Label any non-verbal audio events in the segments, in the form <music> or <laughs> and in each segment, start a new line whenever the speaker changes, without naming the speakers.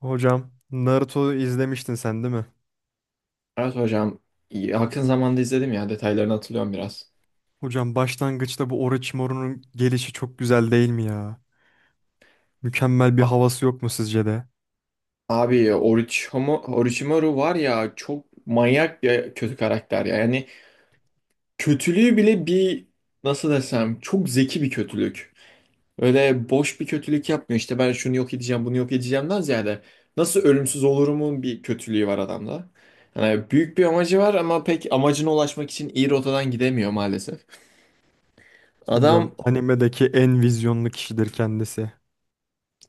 Hocam Naruto izlemiştin sen değil mi?
Evet hocam. Yakın zamanda izledim ya. Detaylarını hatırlıyorum biraz.
Hocam başlangıçta bu Orochimaru'nun gelişi çok güzel değil mi ya? Mükemmel bir
A-
havası yok mu sizce de?
Abi Orochimaru var ya, çok manyak bir kötü karakter ya. Yani kötülüğü bile bir, nasıl desem, çok zeki bir kötülük. Öyle boş bir kötülük yapmıyor. İşte ben şunu yok edeceğim, bunu yok edeceğimden ziyade nasıl ölümsüz olurumun bir kötülüğü var adamda. Yani büyük bir amacı var ama pek amacına ulaşmak için iyi rotadan gidemiyor maalesef.
Hocam
Adam
animedeki en vizyonlu kişidir kendisi.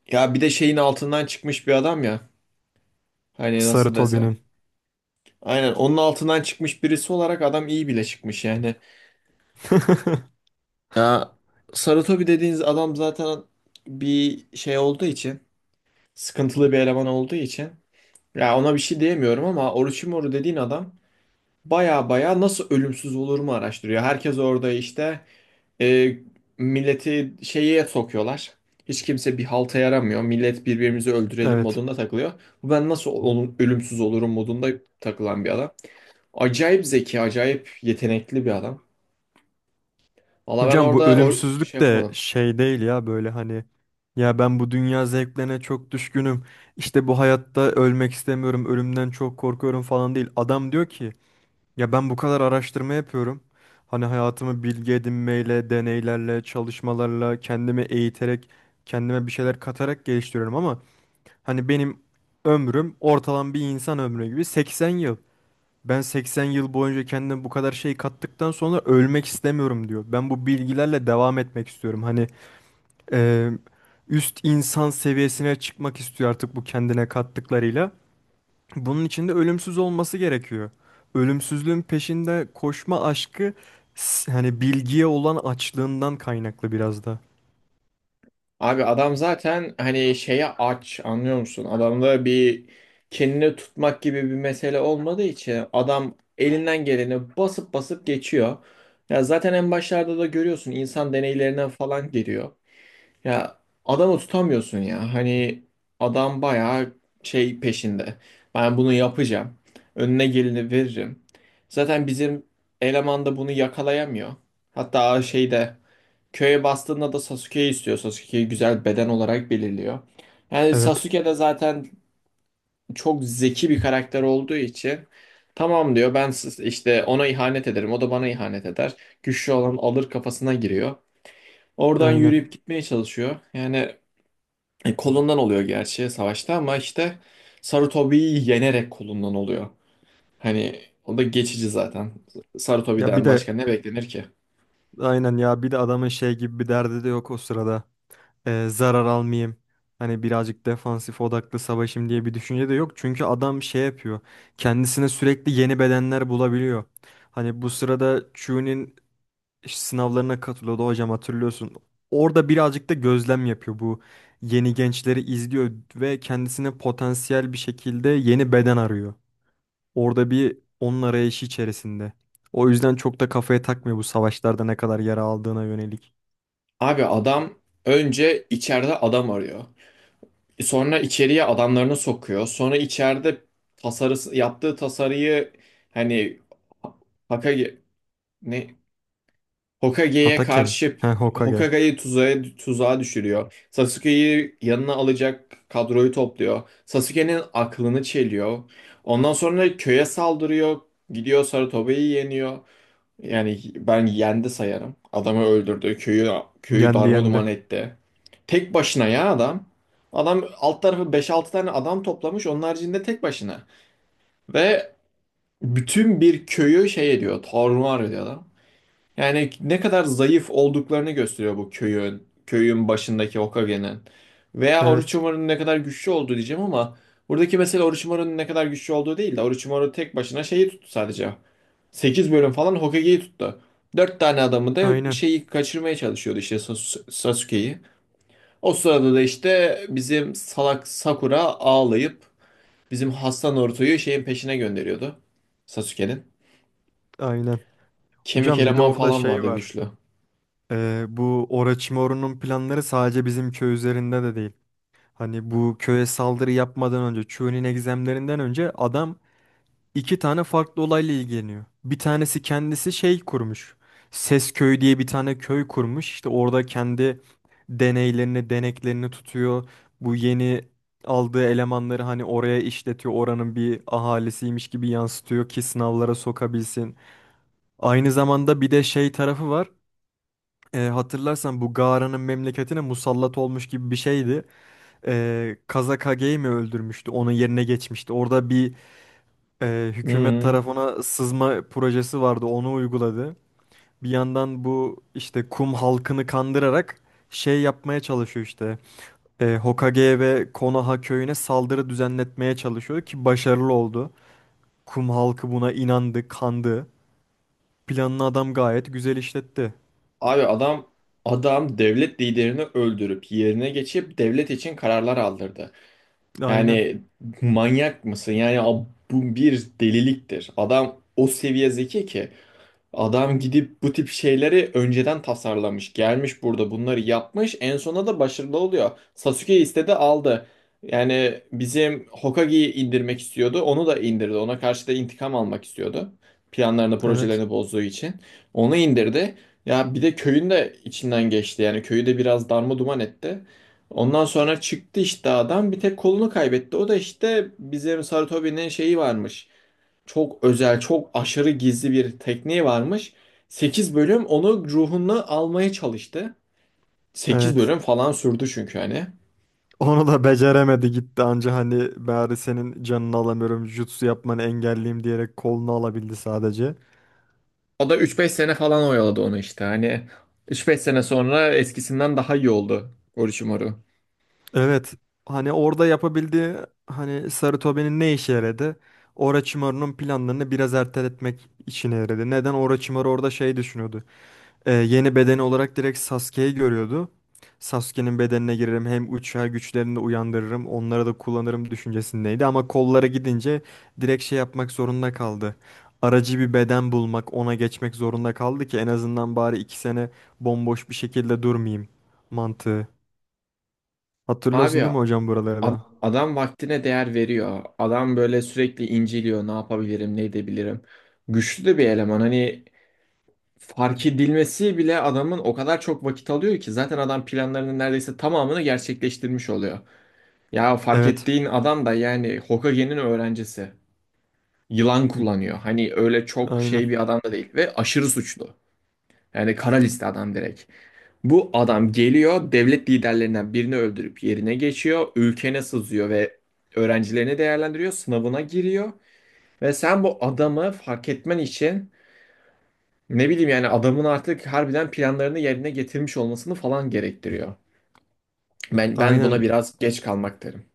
ya, bir de şeyin altından çıkmış bir adam ya. Hani
Sarı
nasıl desem.
Tobi'nin.
Aynen onun altından çıkmış birisi olarak adam iyi bile çıkmış yani.
<laughs>
Ya, Sarutobi dediğiniz adam zaten bir şey olduğu için, sıkıntılı bir eleman olduğu için, ya ona bir şey diyemiyorum ama Orochimaru dediğin adam baya baya nasıl ölümsüz olur mu araştırıyor. Herkes orada işte, e, milleti şeye sokuyorlar. Hiç kimse bir halta yaramıyor. Millet birbirimizi öldürelim
Evet.
modunda takılıyor. Bu, ben nasıl ölümsüz olurum modunda takılan bir adam. Acayip zeki, acayip yetenekli bir adam. Valla ben
Hocam bu
orada o şey
ölümsüzlük de
yapamadım.
şey değil ya böyle hani, ya ben bu dünya zevklerine çok düşkünüm. İşte bu hayatta ölmek istemiyorum, ölümden çok korkuyorum falan değil. Adam diyor ki, ya ben bu kadar araştırma yapıyorum. Hani hayatımı bilgi edinmeyle, deneylerle, çalışmalarla, kendimi eğiterek, kendime bir şeyler katarak geliştiriyorum ama hani benim ömrüm ortalama bir insan ömrü gibi 80 yıl. Ben 80 yıl boyunca kendime bu kadar şey kattıktan sonra ölmek istemiyorum diyor. Ben bu bilgilerle devam etmek istiyorum. Hani eee, üst insan seviyesine çıkmak istiyor artık bu kendine kattıklarıyla. Bunun için de ölümsüz olması gerekiyor. Ölümsüzlüğün peşinde koşma aşkı, hani bilgiye olan açlığından kaynaklı biraz da.
Abi adam zaten hani şeye aç, anlıyor musun? Adamda bir kendini tutmak gibi bir mesele olmadığı için adam elinden geleni basıp basıp geçiyor. Ya zaten en başlarda da görüyorsun, insan deneylerinden falan giriyor. Ya, adamı tutamıyorsun ya. Hani adam bayağı şey peşinde. Ben bunu yapacağım. Önüne geleni veririm. Zaten bizim eleman da bunu yakalayamıyor. Hatta şeyde, köye bastığında da Sasuke'yi istiyor. Sasuke'yi güzel beden olarak belirliyor. Yani
Evet,
Sasuke de zaten çok zeki bir karakter olduğu için tamam diyor, ben işte ona ihanet ederim, o da bana ihanet eder. Güçlü olan alır kafasına giriyor. Oradan
aynen.
yürüyüp gitmeye çalışıyor. Yani kolundan oluyor gerçi savaşta ama işte Sarutobi'yi yenerek kolundan oluyor. Hani o da geçici zaten.
Ya bir
Sarutobi'den başka
de,
ne beklenir ki?
aynen, ya bir de adamın şey gibi bir derdi de yok o sırada. Zarar almayayım. Hani birazcık defansif odaklı savaşım diye bir düşünce de yok. Çünkü adam şey yapıyor. Kendisine sürekli yeni bedenler bulabiliyor. Hani bu sırada Chu'nin sınavlarına katılıyordu hocam, hatırlıyorsun. Orada birazcık da gözlem yapıyor, bu yeni gençleri izliyor ve kendisine potansiyel bir şekilde yeni beden arıyor. Orada bir onun arayışı içerisinde. O yüzden çok da kafaya takmıyor bu savaşlarda ne kadar yara aldığına yönelik.
Abi adam önce içeride adam arıyor. Sonra içeriye adamlarını sokuyor. Sonra içeride tasarısı, yaptığı tasarıyı, hani Hokage, ne, Hokage'ye
Hatake mi?
karşı,
He, Hokage.
Hokage'yi tuzağa düşürüyor. Sasuke'yi yanına alacak kadroyu topluyor. Sasuke'nin aklını çeliyor. Ondan sonra köye saldırıyor. Gidiyor, Sarutobi'yi yeniyor. Yani ben yendi sayarım. Adamı öldürdü. Köyü
Yendi yendi.
darmaduman etti. Tek başına ya adam. Adam alt tarafı beş altı tane adam toplamış. Onun haricinde tek başına. Ve bütün bir köyü şey ediyor. Tarumar ediyor adam. Yani ne kadar zayıf olduklarını gösteriyor bu köyün. Köyün başındaki Hokage'nin. Veya
Evet,
Orochimaru'nun ne kadar güçlü olduğu diyeceğim ama buradaki mesele Orochimaru'nun ne kadar güçlü olduğu değil de, Orochimaru tek başına şeyi tuttu sadece. 8 bölüm falan Hokage'yi tuttu. 4 tane adamı da
aynen
şeyi kaçırmaya çalışıyordu, işte Sasuke'yi. O sırada da işte bizim salak Sakura ağlayıp bizim hasta Naruto'yu şeyin peşine gönderiyordu. Sasuke'nin.
aynen.
Kemik
Hocam bir de
eleman
orada
falan
şey
vardı
var.
güçlü.
Bu Orochimaru'nun planları sadece bizim köy üzerinde de değil. Hani bu köye saldırı yapmadan önce, Chu'nun egzemlerinden önce adam iki tane farklı olayla ilgileniyor. Bir tanesi kendisi şey kurmuş. Ses Köyü diye bir tane köy kurmuş. İşte orada kendi deneylerini, deneklerini tutuyor. Bu yeni aldığı elemanları hani oraya işletiyor. Oranın bir ahalisiymiş gibi yansıtıyor ki sınavlara sokabilsin. Aynı zamanda bir de şey tarafı var. Hatırlarsan bu Gara'nın memleketine musallat olmuş gibi bir şeydi. Kazakage'yi mi öldürmüştü? Onun yerine geçmişti. Orada bir hükümet
Hmm.
tarafına sızma projesi vardı. Onu uyguladı. Bir yandan bu işte kum halkını kandırarak şey yapmaya çalışıyor işte. Hokage ve Konoha köyüne saldırı düzenletmeye çalışıyor ki başarılı oldu. Kum halkı buna inandı, kandı. Planını adam gayet güzel işletti.
Abi adam devlet liderini öldürüp yerine geçip devlet için kararlar aldırdı.
Aynen.
Yani manyak mısın? Yani bu bir deliliktir. Adam o seviye zeki ki adam gidip bu tip şeyleri önceden tasarlamış. Gelmiş burada bunları yapmış. En sona da başarılı oluyor. Sasuke istedi, aldı. Yani bizim Hokage'yi indirmek istiyordu, onu da indirdi. Ona karşı da intikam almak istiyordu, planlarını,
Evet.
projelerini bozduğu için. Onu indirdi. Ya bir de köyün de içinden geçti. Yani köyü de biraz darma duman etti. Ondan sonra çıktı işte adam. Bir tek kolunu kaybetti. O da işte bizim Sarutobi'nin şeyi varmış, çok özel, çok aşırı gizli bir tekniği varmış. 8 bölüm onu, ruhunu almaya çalıştı. Sekiz
Evet.
bölüm falan sürdü çünkü hani.
Onu da beceremedi gitti anca, hani bari senin canını alamıyorum, jutsu yapmanı engelleyeyim diyerek kolunu alabildi sadece.
O da üç beş sene falan oyaladı onu işte. Hani üç beş sene sonra eskisinden daha iyi oldu Orochimaru.
Evet, hani orada yapabildiği, hani Sarutobi'nin ne işe yaradı? Orochimaru'nun planlarını biraz erteletmek işine yaradı. Neden? Orochimaru orada şey düşünüyordu. Yeni bedeni olarak direkt Sasuke'yi görüyordu. Sasuke'nin bedenine girerim, hem uçar güçlerini de uyandırırım, onları da kullanırım düşüncesindeydi ama kollara gidince direkt şey yapmak zorunda kaldı. Aracı bir beden bulmak, ona geçmek zorunda kaldı ki en azından bari 2 sene bomboş bir şekilde durmayayım mantığı.
Abi
Hatırlıyorsun değil mi hocam, buraları
ad-
da?
adam vaktine değer veriyor. Adam böyle sürekli inceliyor. Ne yapabilirim, ne edebilirim. Güçlü de bir eleman. Hani fark edilmesi bile adamın o kadar çok vakit alıyor ki zaten adam planlarının neredeyse tamamını gerçekleştirmiş oluyor. Ya fark
Evet.
ettiğin adam da yani Hokage'nin öğrencisi. Yılan kullanıyor. Hani öyle çok
Aynen.
şey bir adam da değil ve aşırı suçlu. Yani kara liste adam direkt. Bu adam geliyor, devlet liderlerinden birini öldürüp yerine geçiyor. Ülkene sızıyor ve öğrencilerini değerlendiriyor. Sınavına giriyor. Ve sen bu adamı fark etmen için, ne bileyim, yani adamın artık harbiden planlarını yerine getirmiş olmasını falan gerektiriyor. Ben buna
Aynen.
biraz geç kalmak derim.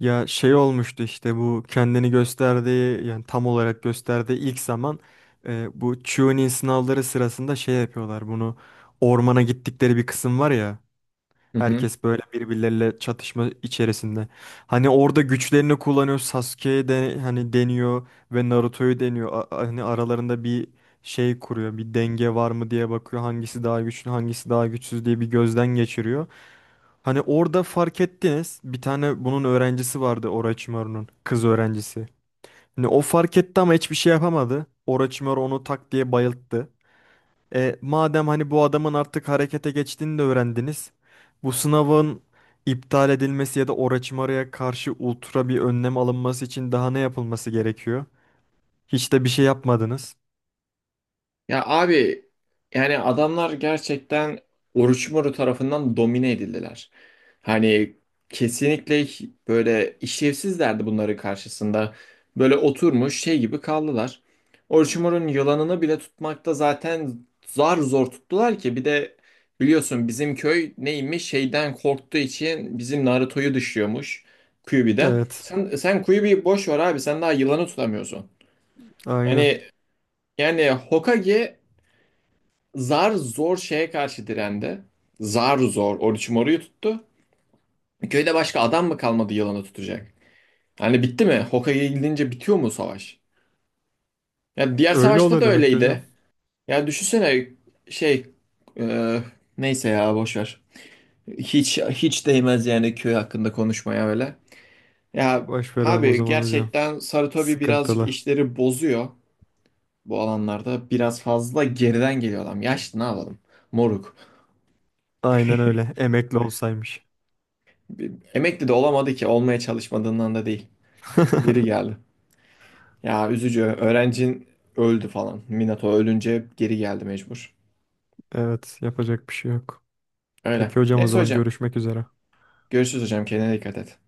Ya şey olmuştu işte, bu kendini gösterdiği, yani tam olarak gösterdiği ilk zaman bu Chunin sınavları sırasında şey yapıyorlar bunu, ormana gittikleri bir kısım var ya.
Hı hı.
Herkes böyle birbirleriyle çatışma içerisinde. Hani orada güçlerini kullanıyor. Sasuke'ye de hani deniyor ve Naruto'yu deniyor. Hani aralarında bir şey kuruyor. Bir denge var mı diye bakıyor. Hangisi daha güçlü, hangisi daha güçsüz diye bir gözden geçiriyor. Hani orada fark ettiniz. Bir tane bunun öğrencisi vardı Orochimaru'nun. Kız öğrencisi. Hani o fark etti ama hiçbir şey yapamadı. Orochimaru onu tak diye bayılttı. Madem hani bu adamın artık harekete geçtiğini de öğrendiniz, bu sınavın iptal edilmesi ya da Orochimaru'ya karşı ultra bir önlem alınması için daha ne yapılması gerekiyor? Hiç de bir şey yapmadınız.
Ya abi yani adamlar gerçekten Orochimaru tarafından domine edildiler. Hani kesinlikle böyle işlevsizlerdi bunların karşısında. Böyle oturmuş şey gibi kaldılar. Orochimaru'nun yılanını bile tutmakta zaten zar zor tuttular ki bir de biliyorsun bizim köy neymiş şeyden korktuğu için bizim Naruto'yu dışlıyormuş, Kyuubi'den.
Evet,
Sen Kyuubi'yi boş ver abi, sen daha yılanı tutamıyorsun.
aynen.
Hani yani Hokage zar zor şeye karşı direndi. Zar zor Orochimaru'yu, moruyu tuttu. Köyde başka adam mı kalmadı yılanı tutacak? Hani bitti mi? Hokage'ye gidince bitiyor mu savaş? Ya diğer
Öyle
savaşta da
oluyor demek ki hocam.
öyleydi. Ya düşünsene şey, e, neyse ya boş ver. Hiç değmez yani köy hakkında konuşmaya öyle. Ya
Baş verelim o
abi,
zaman hocam.
gerçekten Sarutobi birazcık
Sıkıntılı.
işleri bozuyor bu alanlarda. Biraz fazla geriden geliyor adam. Yaşlı, ne yapalım? Moruk.
Aynen öyle. Emekli olsaymış.
Emekli de olamadı ki. Olmaya çalışmadığından da değil. Geri
<laughs>
geldi. Ya üzücü. Öğrencin öldü falan. Minato ölünce geri geldi mecbur.
Evet, yapacak bir şey yok.
Öyle.
Peki hocam, o
Neyse
zaman
hocam.
görüşmek üzere.
Görüşürüz hocam. Kendine dikkat et.